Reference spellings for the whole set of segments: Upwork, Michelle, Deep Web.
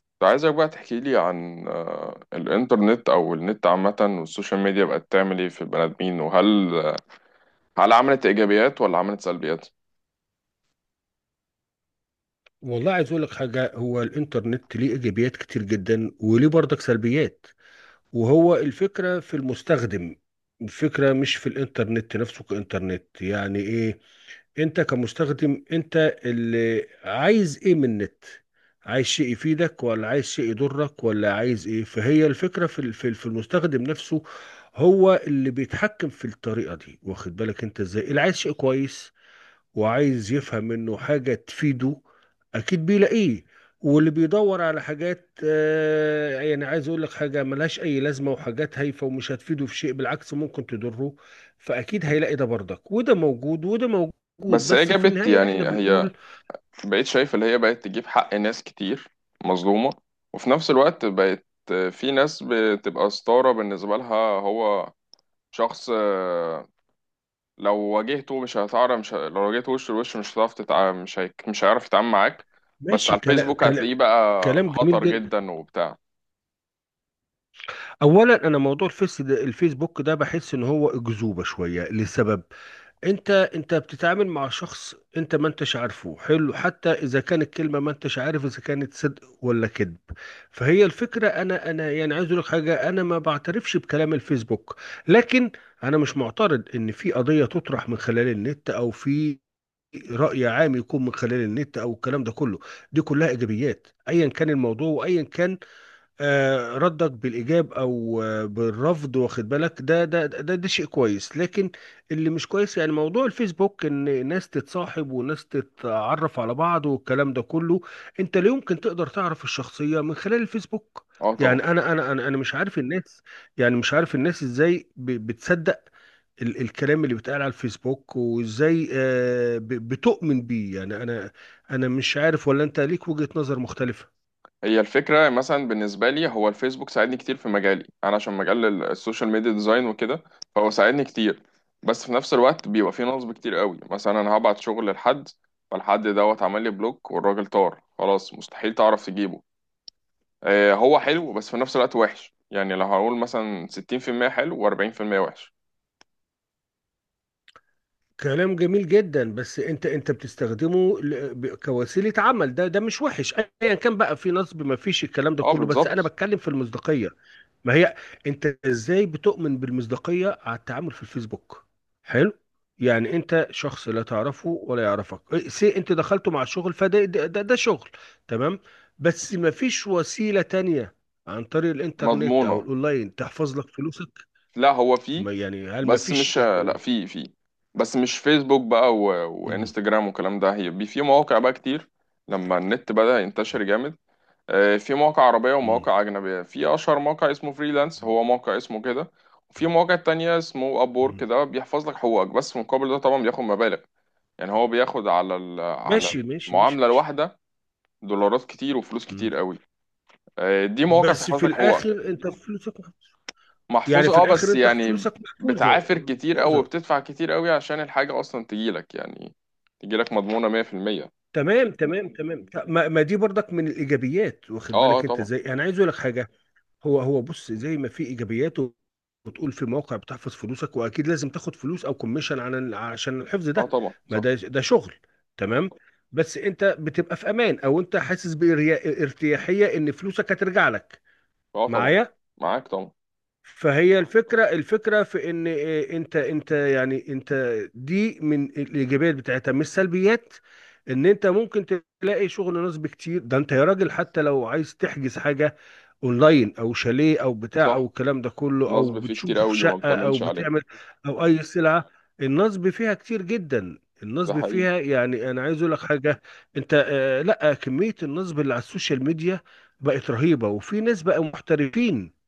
كنت عايزك بقى تحكي لي عن الإنترنت أو النت عامة، والسوشيال ميديا بقت تعمل إيه في البني آدمين؟ وهل آه، هل عملت إيجابيات ولا عملت سلبيات؟ والله، عايز اقول لك حاجه، هو الانترنت ليه ايجابيات كتير جدا وليه برضك سلبيات، وهو الفكره في المستخدم. الفكره مش في الانترنت نفسه كانترنت، يعني ايه، انت كمستخدم انت اللي عايز ايه من النت. عايز شيء يفيدك ولا عايز شيء يضرك ولا عايز ايه؟ فهي الفكره في المستخدم نفسه. هو اللي بيتحكم في الطريقه دي، واخد بالك انت ازاي؟ اللي عايز شيء كويس وعايز يفهم منه حاجة تفيده، أكيد بيلاقيه. واللي بيدور على حاجات يعني عايز أقول لك حاجة ملهاش أي لازمة، وحاجات هايفة ومش هتفيده في شيء، بالعكس ممكن تضره. فأكيد هيلاقي ده برضك، وده موجود وده موجود، بس هي بس في جابت النهاية إحنا يعني هي بنقول بقيت شايف اللي هي بقت تجيب حق ناس كتير مظلومة، وفي نفس الوقت بقت في ناس بتبقى ستارة بالنسبة لها. هو شخص لو واجهته وش لوش مش هتعرف تتع... مش هيك... مش هيعرف يتعامل معاك، بس ماشي، على كلام الفيسبوك كلام. هتلاقيه بقى كلام جميل خطر جدا. جدا وبتاع. أولا، أنا موضوع الفيس ده الفيسبوك ده بحس إن هو أكذوبة شوية لسبب. انت بتتعامل مع شخص انت ما انتش عارفه، حلو، حتى اذا كانت كلمه، ما انتش عارف اذا كانت صدق ولا كذب. فهي الفكره، انا يعني عايز اقول لك حاجه، انا ما بعترفش بكلام الفيسبوك. لكن انا مش معترض ان في قضيه تطرح من خلال النت، او في راي عام يكون من خلال النت، او الكلام ده كله. دي كلها ايجابيات، ايا كان الموضوع وايا كان ردك بالإيجاب أو بالرفض، واخد بالك؟ ده شيء كويس، لكن اللي مش كويس يعني موضوع الفيسبوك، إن ناس تتصاحب وناس تتعرف على بعض والكلام ده كله. أنت لا يمكن تقدر تعرف الشخصية من خلال الفيسبوك. اه، طبعا. يعني أنا مش عارف الناس. يعني مش عارف الناس إزاي بتصدق الكلام اللي بيتقال على الفيسبوك، وإزاي بتؤمن بيه، يعني أنا أنا مش عارف، ولا أنت ليك وجهة نظر مختلفة؟ هي الفكرة مثلا بالنسبة لي، هو الفيسبوك ساعدني كتير في مجالي انا، عشان مجال السوشيال ميديا ديزاين وكده، فهو ساعدني كتير. بس في نفس الوقت بيبقى فيه نصب كتير قوي. مثلا انا هبعت شغل لحد، فالحد دوت عمل لي بلوك، والراجل طار خلاص، مستحيل تعرف تجيبه. آه، هو حلو بس في نفس الوقت وحش. يعني لو هقول مثلا 60% حلو و40% وحش. كلام جميل جدا، بس انت بتستخدمه كوسيله عمل، ده مش وحش. ايا كان بقى، في نصب ما فيش الكلام ده اه، كله، بس انا بالظبط. بتكلم في المصداقيه. ما هي، انت ازاي بتؤمن بالمصداقيه على التعامل في الفيسبوك؟ حلو. يعني انت شخص لا تعرفه ولا يعرفك، إيه، سي انت دخلته مع شغل، فده ده, ده, ده شغل، تمام. بس ما فيش وسيله تانية عن طريق الانترنت او مضمونة. الاونلاين تحفظ لك فلوسك؟ لا، هو فيه. ما يعني، هل ما بس فيش؟ مش لا، فيه. بس مش فيسبوك بقى و... مم. وانستجرام والكلام ده. هيبقى في مواقع بقى كتير لما النت بدأ ينتشر جامد. في مواقع عربية مم. ومواقع أجنبية. في أشهر موقع اسمه فريلانس، هو موقع اسمه كده. وفي مواقع تانية اسمه أبورك، مم. ده بيحفظ لك حقوقك، بس مقابل ده طبعا بياخد مبالغ. يعني هو بياخد على ماشي ماشي ماشي المعاملة ماشي. الواحدة دولارات كتير وفلوس مم. كتير قوي. دي مواقع بس بتحفظ في لك حقوقك. الاخر انت فلوسك محفوظة. يعني محفوظة، في اه، الاخر بس انت يعني فلوسك محفوظه بتعافر كتير أوي محفوظه. وبتدفع كتير أوي عشان الحاجة أصلا تجيلك، يعني تجيلك مضمونة مية في المية. تمام تمام تمام. ما دي برضك من الايجابيات، واخد اه، اه، بالك انت طبعا. ازاي؟ انا عايز اقول لك حاجه. هو بص، زي ما في ايجابيات وتقول في موقع بتحفظ فلوسك، واكيد لازم تاخد فلوس او كوميشن عشان الحفظ اه، ده. طبعا، ما صح. ده شغل، تمام. بس انت بتبقى في امان، او انت حاسس بارتياحيه ان فلوسك هترجع لك. اه، طبعا. معايا. معاك طبعا. فهي الفكرة في ان إيه، انت يعني انت، دي من الايجابيات بتاعتها، مش سلبيات. ان انت ممكن تلاقي شغل، نصب كتير ده انت يا راجل، حتى لو عايز تحجز حاجة اونلاين، او شاليه او بتاع، او صح، الكلام ده كله، او نصب فيه كتير بتشوف أوي وما شقة، او بتأمنش عليه. بتعمل، او اي سلعة. النصب فيها كتير جدا، ده النصب حقيقي. فيها، يعني انا عايز اقول لك حاجة. انت آه، لا، كمية النصب اللي على السوشيال ميديا بقت رهيبة، وفي ناس بقى محترفين.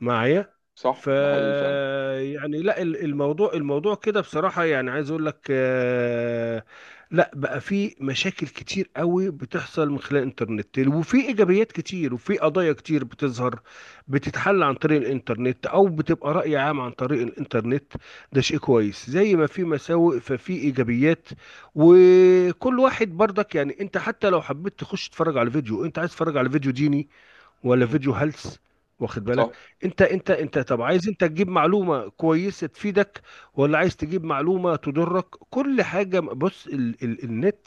معايا. صح، ف ده حقيقي فعلا. يعني لا، الموضوع كده بصراحة، يعني عايز اقول لك، لا بقى، في مشاكل كتير قوي بتحصل من خلال الانترنت، وفي ايجابيات كتير، وفي قضايا كتير بتظهر، بتتحل عن طريق الانترنت، او بتبقى رأي عام عن طريق الانترنت. ده شيء كويس، زي ما في مساوئ ففي ايجابيات. وكل واحد برضك، يعني انت حتى لو حبيت تخش تتفرج على فيديو، انت عايز تتفرج على فيديو ديني ولا مم. فيديو هلس؟ واخد بالك؟ صح. انت طب عايز انت تجيب معلومه كويسه تفيدك ولا عايز تجيب معلومه تضرك؟ كل حاجه، بص، ال ال النت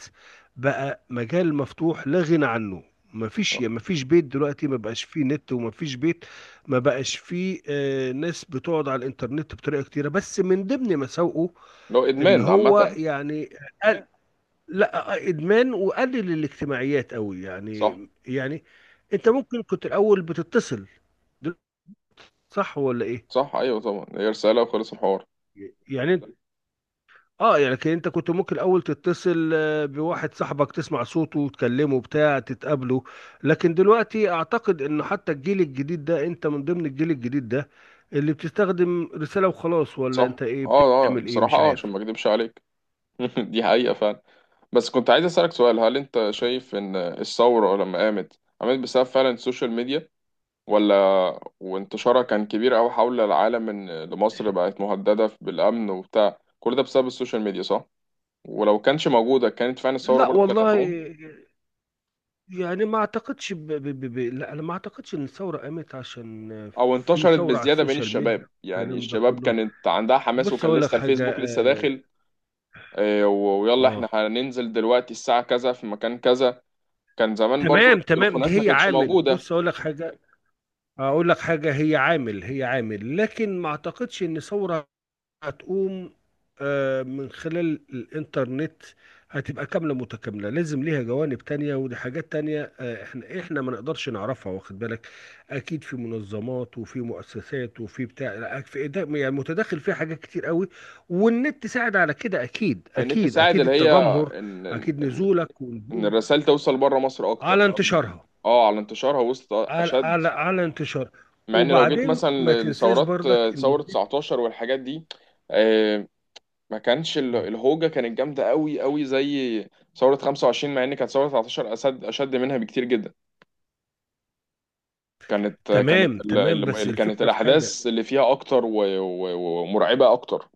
بقى مجال مفتوح لا غنى عنه. مفيش صح، مفيش بيت دلوقتي ما بقاش فيه نت، ومفيش بيت ما بقاش فيه ناس بتقعد على الانترنت بطريقه كتيره، بس من ضمن مساوئه لو ان إدمان هو عامة. يعني، لا، ادمان، وقلل الاجتماعيات قوي صح. يعني. يعني انت ممكن كنت الاول بتتصل، دل- صح ولا ايه؟ صح، أيوه طبعا، هي رسالة وخلص الحوار. يعني انت، اه يعني لكن انت كنت ممكن الاول تتصل بواحد صاحبك تسمع صوته وتكلمه بتاع تتقابله. لكن دلوقتي اعتقد انه حتى الجيل الجديد ده، انت من ضمن الجيل الجديد ده، اللي بتستخدم رسالة وخلاص، ولا صح. انت ايه اه، اه، بتعمل ايه بصراحة مش اه، عشان عارف. ما أكدبش عليك. دي حقيقة فعلا. بس كنت عايز أسألك سؤال: هل أنت شايف إن الثورة لما قامت بسبب فعلا السوشيال ميديا؟ ولا وانتشارها كان كبير أوي حول العالم، إن لمصر بقت مهددة بالأمن وبتاع كل ده بسبب السوشيال ميديا، صح؟ ولو كانش موجودة كانت فعلا الثورة لا برضو كانت والله، هتقوم؟ يعني ما اعتقدش لا انا ما اعتقدش ان الثوره قامت عشان أو في انتشرت ثوره على بزيادة بين السوشيال الشباب، ميديا. يعني الكلام ده الشباب كله، كانت عندها حماس بص وكان اقول لك لسه حاجه، الفيسبوك لسه داخل. ويلا آه. إحنا هننزل دلوقتي الساعة كذا في مكان كذا. كان زمان برضو تمام تمام، دي التليفونات ما هي كانتش عامل، موجودة. بص اقول لك حاجه، هي عامل هي عامل، لكن ما اعتقدش ان ثوره هتقوم من خلال الانترنت. هتبقى كاملة متكاملة، لازم ليها جوانب تانية، ودي حاجات تانية، احنا ما نقدرش نعرفها، واخد بالك. اكيد في منظمات، وفي مؤسسات، وفي بتاع، لا، يعني متداخل فيها حاجات كتير قوي. والنت ساعد على كده اكيد النت اكيد ساعد اكيد، اللي هي التجمهر، ان اكيد نزولك ان ونزول، الرسائل توصل بره مصر اكتر، على فاهم. انتشارها، اه، على انتشارها وسط على اشد. على على انتشار. مع ان لو جيت وبعدين مثلا ما تنساش لثورات، برضك ان، ثورة 19 والحاجات دي، آه، ما كانش الهوجة كانت جامدة قوي قوي زي ثورة 25. مع ان كانت ثورة 19 اشد اشد منها بكتير جدا، كانت آه، كانت تمام ال- تمام، ال- بس اللي كانت الفكرة في حاجة. الاحداث اللي فيها اكتر ومرعبة اكتر.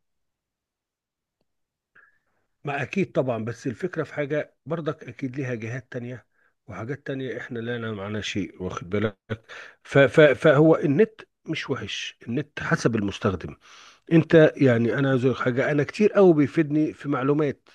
ما اكيد طبعا، بس الفكره في حاجه برضك، اكيد ليها جهات تانية وحاجات تانية احنا لا نعلم عنها شيء، واخد بالك. ف ف فهو النت مش وحش، النت حسب المستخدم. انت يعني، انا عايز أقول لك حاجه، انا كتير قوي بيفيدني في معلومات.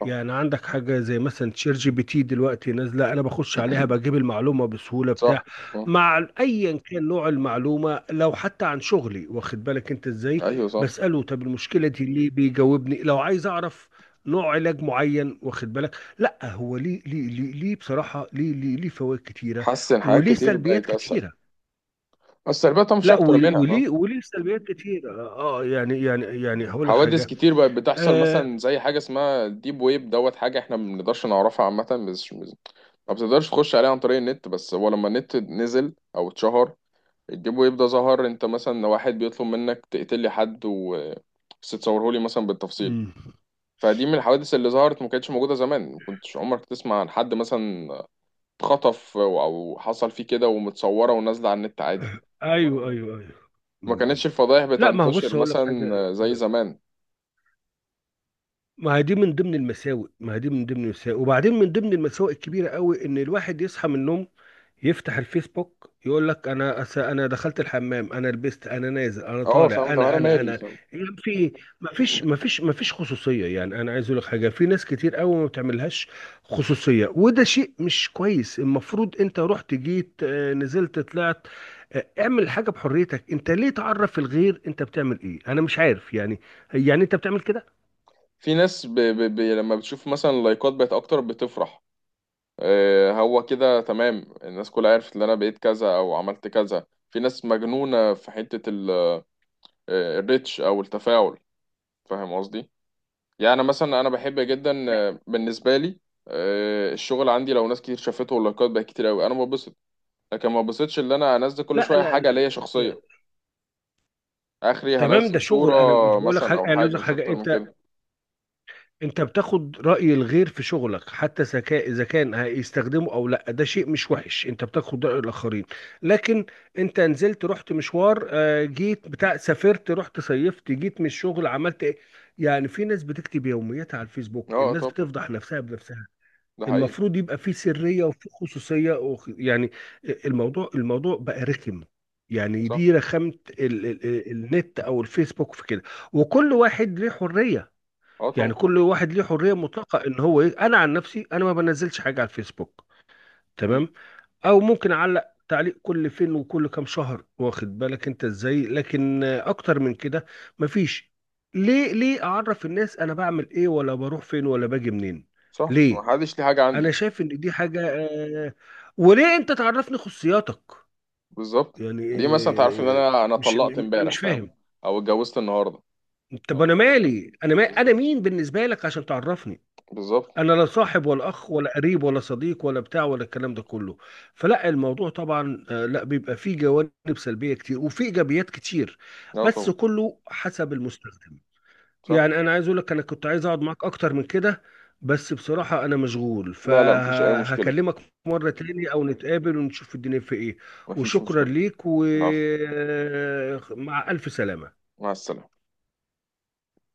صح. يعني عندك حاجة زي مثلا شير GPT دلوقتي نازلة، أنا بخش عليها بجيب المعلومة بسهولة بتاع، صح. آه. مع أيا كان نوع المعلومة، لو حتى عن شغلي. واخد بالك أنت إزاي؟ ايوه، صح، بسأله طب المشكلة دي ليه، بيجاوبني، لو عايز أعرف نوع علاج معين، واخد بالك؟ لا هو ليه بصراحة، ليه فوائد كتيرة، حاسس ان حاجات وليه كتير سلبيات بقت اسهل، كتيرة. بس السلبيات مش لا، اكتر ول- منها. وليه وليه سلبيات كتيرة، يعني هقول لك حوادث حاجة. كتير بقت بتحصل آه. مثلا، زي حاجة اسمها ديب ويب دوت حاجة احنا ما بنقدرش نعرفها عامة. ما بتقدرش تخش عليها عن طريق النت، بس هو لما النت نزل او اتشهر الديب ويب ده ظهر. انت مثلا واحد بيطلب منك تقتل لي حد، و بس تصوره لي مثلا بالتفصيل. مم. فدي من الحوادث اللي ظهرت، ما كانتش موجودة زمان. ما كنتش عمرك تسمع عن حد مثلا اتخطف او أو حصل فيه كده، ومتصورة ونازلة على النت عادي. ايوه ايوه أيوه. م- ما كانتش م. الفضائح لا، ما هو بتنتشر بص هقول لك حاجه، مثلا زي زمان. ما هي دي من ضمن المساوئ، ما هي دي من ضمن المساوئ، وبعدين من ضمن المساوئ الكبيرة قوي، ان الواحد يصحى من النوم يفتح الفيسبوك يقول لك انا دخلت الحمام، انا لبست، انا نازل، انا اه، طالع، فاهم، طب انا انا انا مالي. انا يعني في ما فيش ما فيش ما فيش خصوصية، يعني انا عايز اقول لك حاجة، في ناس كتير قوي ما بتعملهاش خصوصية، وده شيء مش كويس. المفروض انت رحت جيت نزلت طلعت، اعمل حاجة بحريتك، انت ليه تعرف الغير انت بتعمل ايه، انا مش عارف يعني، يعني انت بتعمل كده. في ناس لما بتشوف مثلا اللايكات بقت اكتر بتفرح. آه، هو كده تمام، الناس كلها عرفت ان انا بقيت كذا او عملت كذا. في ناس مجنونة في حتة ال... آه، الريتش او التفاعل، فاهم قصدي؟ يعني مثلا انا بحب جدا، بالنسبة لي، الشغل عندي لو ناس كتير شافته واللايكات بقت كتير قوي انا ببسط. لكن ما ببسطش ان انا انزل كل لا شوية لا حاجة لا, ليا لا. شخصية اخري، تمام، هنزل ده صورة شغل، انا مش بقول لك مثلا حاجه، او انا عايز أقول حاجة لك مش حاجه، اكتر من انت كده. انت بتاخد راي الغير في شغلك، حتى ذكاء اذا كان هيستخدمه او لا، ده شيء مش وحش، انت بتاخد راي الاخرين. لكن انت نزلت رحت مشوار جيت بتاع سافرت رحت صيفت جيت من الشغل عملت ايه، يعني في ناس بتكتب يومياتها على الفيسبوك، اه، الناس طبعا، بتفضح نفسها بنفسها. ده حقيقي. المفروض يبقى فيه سرية وفيه خصوصية يعني، الموضوع بقى رخم، يعني صح، دي رخامة. النت او الفيسبوك في كده، وكل واحد ليه حرية. اه، يعني طبعا. كل واحد ليه حرية مطلقة، انا عن نفسي انا ما بنزلش حاجة على الفيسبوك، تمام، او ممكن اعلق تعليق كل فين وكل كام شهر، واخد بالك انت ازاي، لكن اكتر من كده مفيش. ليه اعرف الناس انا بعمل ايه ولا بروح فين ولا باجي منين؟ صح، ما ليه؟ حدش ليه حاجه انا عندي. شايف ان دي حاجه آه، وليه انت تعرفني خصوصياتك؟ بالظبط. يعني دي مثلا تعرف ان آه، انا انا مش طلقت انا امبارح، مش فاهم، فاهم. او اتجوزت النهارده. طب انا مالي، انا ما انا بالظبط، مين بالنسبه لك عشان تعرفني؟ بالظبط. انا لا صاحب ولا اخ ولا قريب ولا صديق ولا بتاع، ولا الكلام ده كله. فلا الموضوع طبعا، لا، بيبقى فيه جوانب سلبيه كتير وفيه ايجابيات كتير، لا بس طبعا. كله حسب المستخدم. صح. يعني انا عايز اقول لك، انا كنت عايز اقعد معاك اكتر من كده، بس بصراحة انا مشغول، لا، لا، مفيش اي مشكله. فهكلمك مرة تاني، او نتقابل ونشوف الدنيا في ايه. مفيش وشكرا مشكله. ليك، العفو. ومع الف سلامة. مع السلامه.